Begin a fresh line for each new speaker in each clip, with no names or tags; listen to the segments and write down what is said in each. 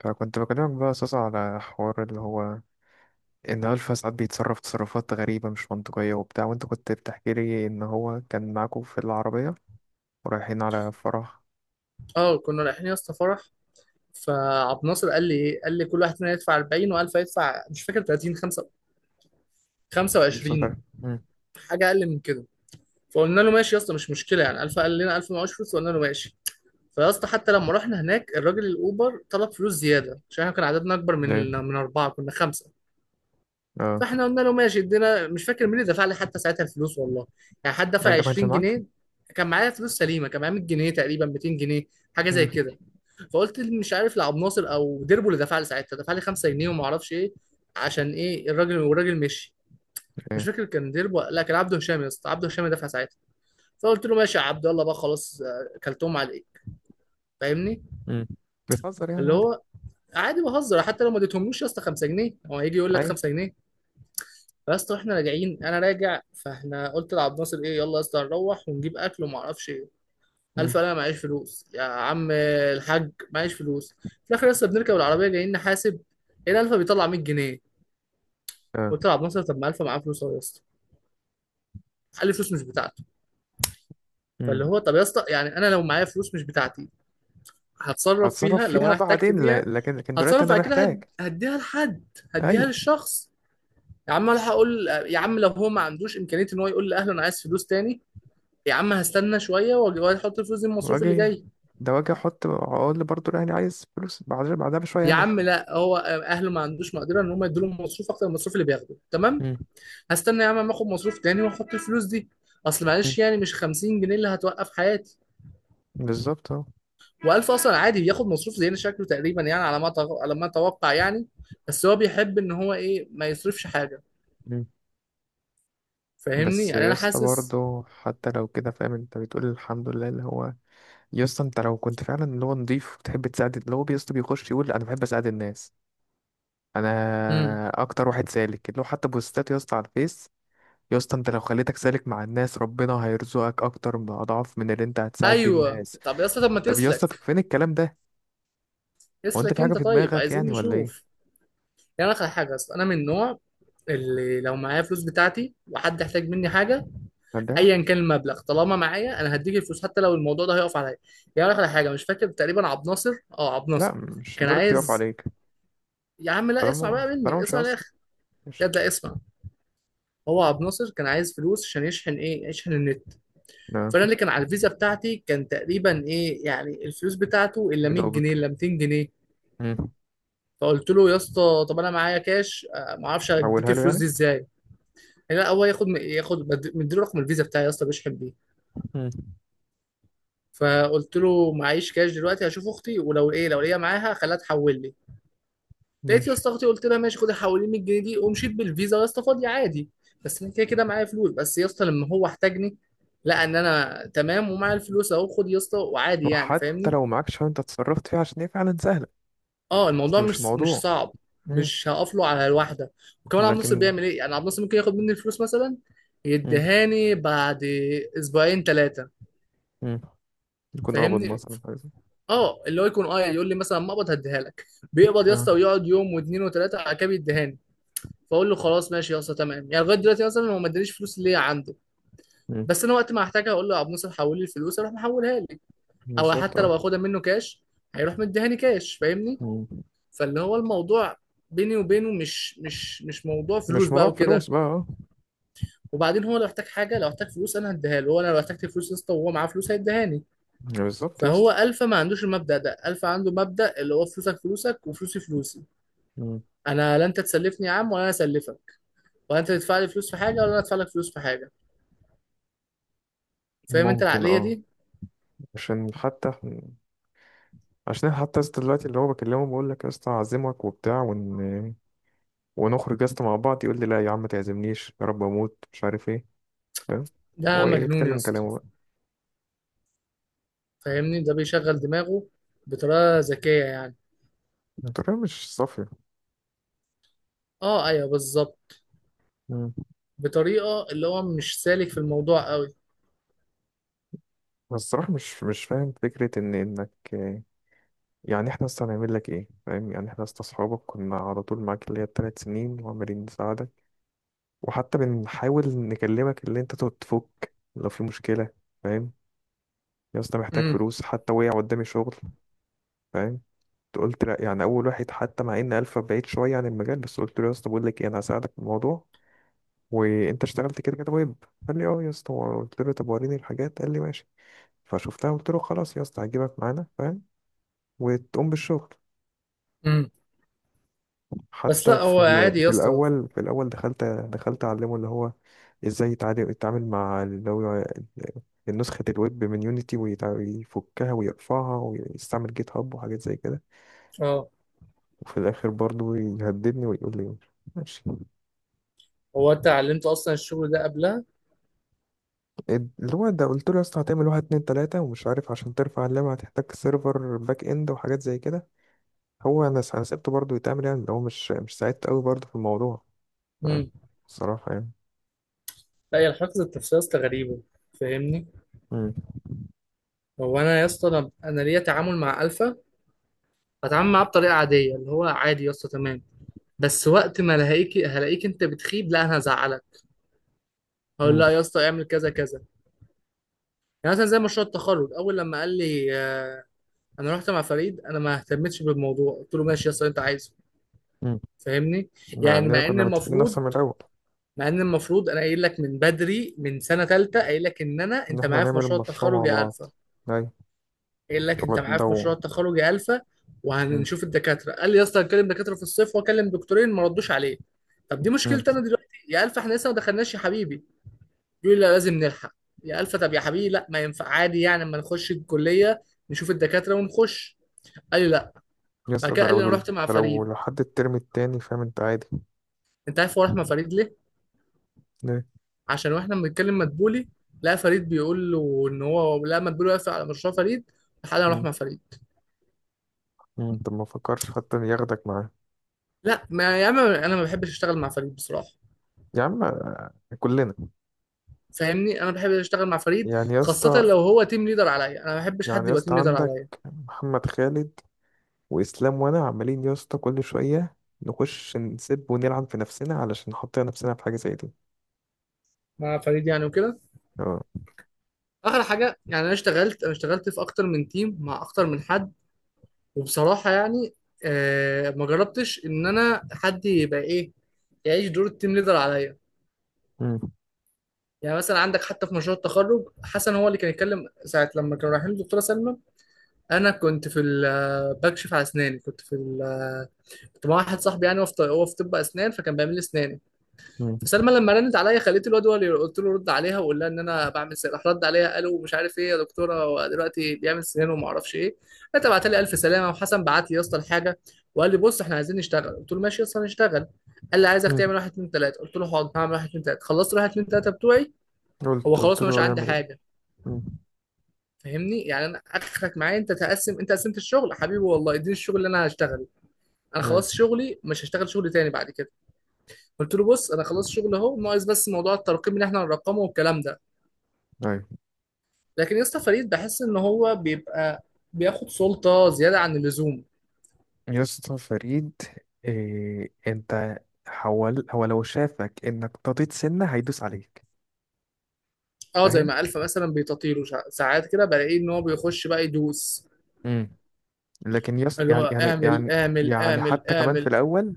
فكنت بكلمك بقى أساسا على حوار اللي هو إن ألفا ساعات بيتصرف تصرفات غريبة مش منطقية وبتاع. وأنت كنت بتحكي لي إن هو كان معاكم في العربية ورايحين على فرح
اه كنا رايحين يا اسطى فرح. فعبد الناصر قال لي ايه، قال لي كل واحد فينا يدفع 40 و1000 يدفع، مش فاكر 30 5
مسافر.
25،
مم.
حاجه اقل من كده. فقلنا له ماشي يا اسطى مش مشكله، يعني 1000. قال لنا 1000 معوش فلوس، وقلنا له ماشي. فيا اسطى حتى لما رحنا هناك الراجل الاوبر طلب فلوس زياده عشان احنا كان عددنا اكبر
ليه؟
من اربعه، كنا خمسه.
آه.
فاحنا قلنا له ماشي، ادينا مش فاكر مين اللي دفع لي حتى ساعتها الفلوس والله، يعني حد
يعني
دفع
أنت ما كانش
20
معاك؟
جنيه كان معايا فلوس سليمه، كان معايا 100 جنيه تقريبا، 200 جنيه، حاجه زي
مم.
كده. فقلت مش عارف لعب ناصر او ديربو اللي دفع لي ساعتها، دفع لي 5 جنيه وما اعرفش ايه عشان ايه الراجل، والراجل مشي. مش
إيه؟
فاكر كان ديربو، لا كان عبده هشام يا اسطى، عبده هشام اللي دفع ساعتها. فقلت له ماشي يا عبد الله بقى خلاص كلتهم على ايه. فاهمني.
مم. بتهزر يعني
اللي
عادي.
هو عادي بهزر، حتى لو ما اديتهملوش يا اسطى 5 جنيه هو هيجي يقول لك
أيوة.
5 جنيه. فيا اسطى احنا راجعين، انا راجع، فاحنا قلت لعبد ناصر ايه، يلا يا اسطى نروح ونجيب اكل وما اعرفش ايه.
مم.
ألف أنا معيش فلوس يا عم الحاج، معيش فلوس في الآخر، لسه بنركب العربية جايين نحاسب هنا، ألفا بيطلع 100 جنيه.
آه.
قلت له عبد الناصر طب ما ألفا معاه فلوس أهو يا اسطى. قال لي فلوس مش بتاعته.
مم.
فاللي هو طب يا اسطى، يعني أنا لو معايا فلوس مش بتاعتي هتصرف
هتصرف
فيها لو
فيها
أنا احتجت
بعدين،
فيها.
لكن دلوقتي
هتصرف
أنا
بعد كده،
محتاج.
هديها لحد، هديها
أيوه.
للشخص. يا عم أنا هقول يا عم، لو هو ما عندوش إمكانية إن هو يقول لأهله أنا عايز فلوس تاني، يا عم هستنى شوية وأحط الفلوس دي من المصروف اللي
واجي.
جاي.
ده واجي أحط، أقول برضه يعني عايز فلوس بعدها بشوية
يا
يعني.
عم لا هو اهله ما عندوش مقدره ان هم يدوا له مصروف اكتر من المصروف اللي بياخده، تمام.
مم.
هستنى يا عم ما اخد مصروف تاني واحط الفلوس دي. اصل
مم.
معلش، يعني مش 50 جنيه اللي هتوقف حياتي.
بالظبط.
و1000 اصلا عادي بياخد مصروف زينا شكله تقريبا، يعني على ما اتوقع يعني. بس هو بيحب ان هو ايه، ما يصرفش حاجه.
أهو.
فاهمني،
بس
يعني
يا
انا
اسطى
حاسس.
برضه حتى لو كده فاهم، انت بتقول الحمد لله اللي هو، يا اسطى انت لو كنت فعلا اللي هو نضيف وبتحب تساعد، اللي هو يا اسطى بيخش يقول انا بحب اساعد الناس،
امم
انا اكتر واحد سالك اللي هو حتى بوستات يا اسطى على الفيس. يا اسطى انت لو خليتك سالك مع الناس، ربنا هيرزقك اكتر باضعاف من اللي انت هتساعد بيه
ايوه
الناس.
طب يا اسطى، طب ما
طب يا اسطى،
تسلك،
طب فين الكلام ده؟ هو انت
اسلك
في حاجه
انت
في
طيب،
دماغك
عايزين
يعني ولا
نشوف.
ايه؟
يعني انا حاجه اصلا، انا من النوع اللي لو معايا فلوس بتاعتي وحد احتاج مني حاجه،
ده
ايا كان المبلغ طالما معايا انا هديك الفلوس حتى لو الموضوع ده هيقف عليا. يعني اقول لك على حاجه، مش فاكر تقريبا عبد ناصر، اه عبد ناصر
لا مش
كان
لدرجه يقف
عايز.
عليك.
يا عم لا اسمع
طالما
بقى
طالما
مني،
مش
اسمع
هيأثر،
الاخر.
ماشي.
ياد لا اسمع. هو عبد ناصر كان عايز فلوس عشان يشحن ايه، يشحن النت.
نعم.
فانا اللي كان على الفيزا بتاعتي كان تقريبا ايه، يعني الفلوس بتاعته الا
يا
100 جنيه
دوبك.
الا 200 جنيه.
مم.
فقلت له يا اسطى طب انا معايا كاش ما اعرفش اديك
حولها له
الفلوس
يعني.
دي ازاي. لا هو ياخد، ياخد مديله رقم الفيزا بتاعي يا اسطى، بيشحن بيه.
مم.
فقلت له معيش كاش دلوقتي، هشوف اختي ولو ايه، لو ليا معاها خليها تحول لي. لقيت يا
ماشي.
اسطى اختي، قلت لها ماشي خدي حولي 100 جنيه دي، ومشيت بالفيزا يا اسطى فاضي عادي. بس انا كده كده معايا فلوس، بس يا اسطى لما هو احتاجني لقى ان انا تمام ومعايا الفلوس، اهو خد يا اسطى، وعادي يعني
وحتى
فاهمني.
لو معاك شوية انت اتصرفت فيها، عشان هي فعلا سهلة.
اه الموضوع
اصل مش
مش
موضوع.
صعب.
مم.
مش هقف له على الواحده. وكمان عبد الناصر
لكن.
بيعمل ايه، يعني عبد الناصر ممكن ياخد مني الفلوس مثلا
مم.
يديهاني بعد اسبوعين ثلاثه.
مم. يكون اقبض
فاهمني،
مثلا حاجة.
اه اللي هو يكون اه، يعني يقول لي مثلا مقبض هديها لك. بيقبض يا
اه.
اسطى، ويقعد يوم واثنين وثلاثه على كاب يديهاني. فاقول له خلاص ماشي يا اسطى تمام، يعني لغايه دلوقتي مثلا هو ما ادانيش فلوس اللي هي عنده.
مم.
بس انا وقت ما هحتاجها، اقول له يا عبد الناصر حول لي الفلوس، اروح محولها لي. او
بالظبط،
حتى
اه.
لو اخدها منه كاش هيروح مديهاني كاش فاهمني.
مم.
فاللي هو الموضوع بيني وبينه مش موضوع فلوس
مش موضوع
بقى وكده.
فلوس بقى، اه.
وبعدين هو لو احتاج حاجه، لو احتاج فلوس انا هديها له، وانا لو احتجت فلوس يا اسطى وهو معاه فلوس هيديهاني.
بالظبط يا
فهو
اسطى.
الفا ما عندوش المبدأ ده، الفا عنده مبدأ اللي هو، فلوسك فلوسك وفلوسي فلوسي.
مم.
انا لا انت تسلفني يا عم ولا انا اسلفك، ولا انت تدفع لي فلوس في حاجه ولا انا ادفع لك فلوس في حاجه. فاهم انت
ممكن،
العقليه
اه.
دي؟
عشان حتى، عشان أنا حتى يا اسطى دلوقتي اللي هو بكلمه بقول لك يا اسطى هعزمك وبتاع ونخرج يا اسطى مع بعض، يقول لي لا يا عم ما تعزمنيش، يا رب اموت، مش عارف ايه. فاهم؟
ده
هو ايه،
مجنون يا
يتكلم
اسطى.
كلامه بقى.
فاهمني، ده بيشغل دماغه بطريقه ذكيه يعني.
الطريقة مش صافية.
اه ايوه بالظبط، بطريقه اللي هو مش سالك في الموضوع قوي.
أنا الصراحة مش فاهم فكرة إنك، يعني إحنا أصلا هنعمل لك إيه؟ فاهم يعني إحنا أصلا أصحابك، كنا على طول معاك اللي هي ال3 سنين وعمالين نساعدك. وحتى بنحاول نكلمك اللي أنت تقعد تفك لو في مشكلة. فاهم؟ يا اسطى محتاج
امم
فلوس، حتى وقع قدامي شغل. فاهم؟ قلت لأ، يعني أول واحد حتى مع إن ألفا بعيد شوية عن المجال، بس قلت له يا اسطى بقول لك إيه، أنا هساعدك في الموضوع وأنت اشتغلت كده كده ويب. قال لي أه يا اسطى. قلت له طب وريني الحاجات، قال لي ماشي. فشفتها قلت له خلاص يا اسطى هجيبك معانا، فاهم؟ وتقوم بالشغل.
امم بس
حتى
لا
في
هو
ال-
عادي يا
في
اسطى.
الاول في الاول دخلت اعلمه اللي هو ازاي يتعامل مع اللي هو النسخة الويب من يونيتي، ويفكها ويرفعها ويستعمل جيت هاب وحاجات زي كده.
اه
وفي الاخر برضو يهددني ويقول لي ماشي.
هو انت علمت اصلا الشغل ده قبلها؟
اللي هو ده، قلت له يا اسطى هتعمل واحد اتنين تلاتة ومش عارف، عشان ترفع اللعبة هتحتاج سيرفر باك اند وحاجات زي كده. هو انا انا سبته برضه يتعمل، يعني اللي هو مش ساعدت قوي برضه في الموضوع، فاهم؟
امم
الصراحة يعني.
لا هي الحفظ التفسير يا اسطى غريبه. فاهمني، هو انا يا اسطى، انا ليا تعامل مع الفا هتعامل معاه بطريقه عاديه اللي هو عادي يا اسطى تمام. بس وقت ما الاقيك هلاقيك انت بتخيب، لا انا هزعلك، هقول
مم.
لا يا اسطى اعمل كذا كذا. يعني مثلا زي مشروع التخرج، اول لما قال لي انا رحت مع فريد، انا ما اهتمتش بالموضوع، قلت له ماشي يا اسطى اللي انت عايزه.
مم.
فاهمني،
مع
يعني
اننا
مع ان
كنا متفقين
المفروض،
اصلا من الاول
مع ان المفروض انا قايل لك من بدري من سنه ثالثه، قايل لك ان انا
ان
انت
احنا
معايا في
هنعمل
مشروع
المشروع مع
التخرج يا
بعض.
الفا.
ايوه.
قايل لك
هو
انت معايا
ده
في مشروع
هو.
التخرج يا الفا
مم.
وهنشوف الدكاتره. قال لي يا اسطى هكلم دكاتره في الصيف، واكلم دكتورين ما ردوش عليه. طب دي
مم.
مشكلتي انا دلوقتي يا الفا، احنا لسه ما دخلناش يا حبيبي. يقول لي لا لازم نلحق. يا الفا طب يا حبيبي لا، ما ينفع عادي يعني، اما نخش الكليه نشوف الدكاتره ونخش. قال لي لا.
يس.
بعد كده
ده
قال
لو
لي انا رحت مع
ده لو
فريد.
لحد الترم التاني، فاهم انت؟ عادي.
انت عارف هو راح مع فريد ليه؟
ليه؟
عشان واحنا بنتكلم مدبولي، لقى فريد بيقول له ان هو لا، مدبولي واقف على مشروع فريد، لحد اروح
مم.
مع فريد.
مم. انت ما فكرش حتى ياخدك معاه؟
لا ما يا عم انا ما بحبش اشتغل مع فريد بصراحه.
يا عم كلنا،
فاهمني، انا بحب اشتغل مع فريد،
يعني يا
خاصه
اسطى.
لو هو تيم ليدر عليا انا ما بحبش
يعني
حد
يا
يبقى
اسطى
تيم ليدر
عندك
عليا.
محمد خالد واسلام، وانا عمالين يا اسطى كل شويه نخش نسب ونلعن في نفسنا علشان نحط نفسنا في حاجه زي دي.
مع فريد يعني وكده.
اه.
اخر حاجه يعني، انا اشتغلت، انا اشتغلت في اكتر من تيم مع اكتر من حد. وبصراحة يعني ما جربتش إن أنا حد يبقى إيه، يعيش دور التيم ليدر عليا.
مم.
يعني مثلا عندك حتى في مشروع التخرج، حسن هو اللي كان يتكلم ساعة لما كانوا رايحين للدكتورة سلمى. أنا كنت في ال- آه، بكشف على أسناني، كنت في ال- آه، كنت مع واحد صاحبي، يعني هو هو في طب أسنان، فكان بيعمل لي أسناني.
مم.
فسلمى لما رنت عليا خليت الواد هو اللي، قلت له رد عليها وقول لها ان انا بعمل سنان. راح رد عليا قالوا مش عارف ايه يا دكتوره هو دلوقتي بيعمل سنان وما اعرفش ايه. انت بعت لي الف سلامه، وحسن بعت لي يا اسطى الحاجه وقال لي بص احنا عايزين نشتغل. قلت له ماشي يا اسطى هنشتغل. قال لي عايزك
مم.
تعمل واحد اتنين تلاته. قلت له حاضر هعمل واحد اتنين تلاته. خلصت واحد اتنين تلاته بتوعي.
قلت
هو
قلت
خلاص
له
مش
هو
عندي
يعمل ايه.
حاجه.
مم.
فاهمني، يعني انا اخرك معايا انت تقسم، انت قسمت الشغل حبيبي والله اديني الشغل اللي انا هشتغله. انا
ايوه.
خلاص شغلي، مش هشتغل شغل تاني بعد كده. قلت له بص انا خلاص شغل اهو، ناقص بس موضوع الترقيم اللي احنا هنرقمه والكلام ده.
ايوه
لكن يا اسطى فريد بحس ان هو بيبقى بياخد سلطه زياده عن اللزوم.
يا اسطى فريد. إيه انت، حول. هو لو شافك انك طريت سنة هيدوس عليك،
اه زي
فاهم؟
ما الفا مثلا بيتطيره ساعات كده بلاقيه ان هو بيخش بقى يدوس،
امم. لكن يس،
اللي هو
يعني يعني
اعمل
يعني
اعمل
يعني
اعمل
حتى كمان في
اعمل.
الاول،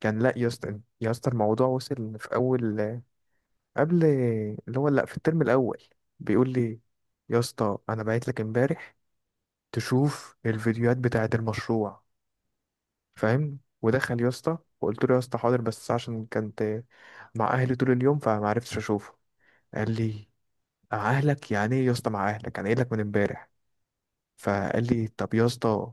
كان لا يا اسطى، يا اسطى الموضوع وصل في اول، قبل، اللي هو لا، في الترم الاول بيقول لي يا اسطى انا بعت لك امبارح تشوف الفيديوهات بتاعة المشروع، فاهم؟ ودخل يا اسطى وقلت له يا اسطى حاضر، بس عشان كنت مع اهلي طول اليوم فما عرفتش اشوفه. قال لي مع اهلك يعني ايه يا اسطى، مع اهلك؟ انا قايل لك من امبارح. فقال لي طب يا اسطى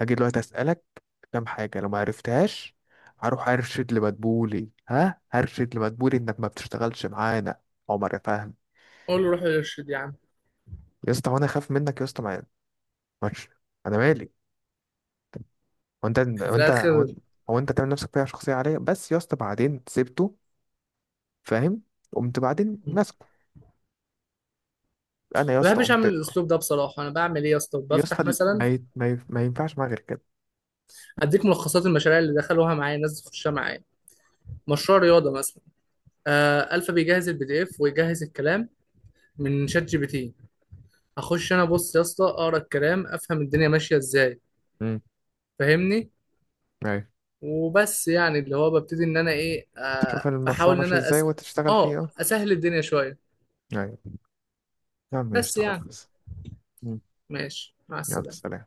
هاجي دلوقتي اسالك كام حاجه، لو ما عرفتهاش هروح ارشد لمدبولي، ها، هرشد لمدبولي انك ما بتشتغلش معانا. عمر، فاهم؟
اقول له روح ارشد يا عم.
يا اسطى وانا خايف منك يا اسطى؟ ما، مش، انا مالي. هو انت هو
في
انت هو
الاخر
انت هو انت تعمل نفسك فيها شخصيه عليا، بس يا اسطى بعدين سبته، فاهم؟ قمت بعدين ماسكه، انا يا
ما
اسطى
بحبش
قمت.
اعمل الاسلوب ده بصراحه. انا بعمل ايه يا اسطى،
يا
بفتح
اسطى ما
مثلا
ي- ما ي- ما ينفعش معايا غير كده.
هديك ملخصات المشاريع اللي دخلوها معايا، الناس تخشها معايا. مشروع رياضه مثلا، آه الفا بيجهز البي دي اف ويجهز الكلام من شات جي بي تي. هخش انا بص يا اسطى اقرا الكلام افهم الدنيا ماشيه ازاي. فاهمني،
امم.
وبس يعني اللي هو ببتدي ان انا ايه، آه
تشوف المشروع
بحاول ان
ماشي
انا
ازاي
أس...
وتشتغل فيه،
اه
اه.
اسهل الدنيا شوية.
يعني، يا عم ايش،
بس يعني
خلاص. مم.
ماشي مع
يلا
السلامة.
سلام.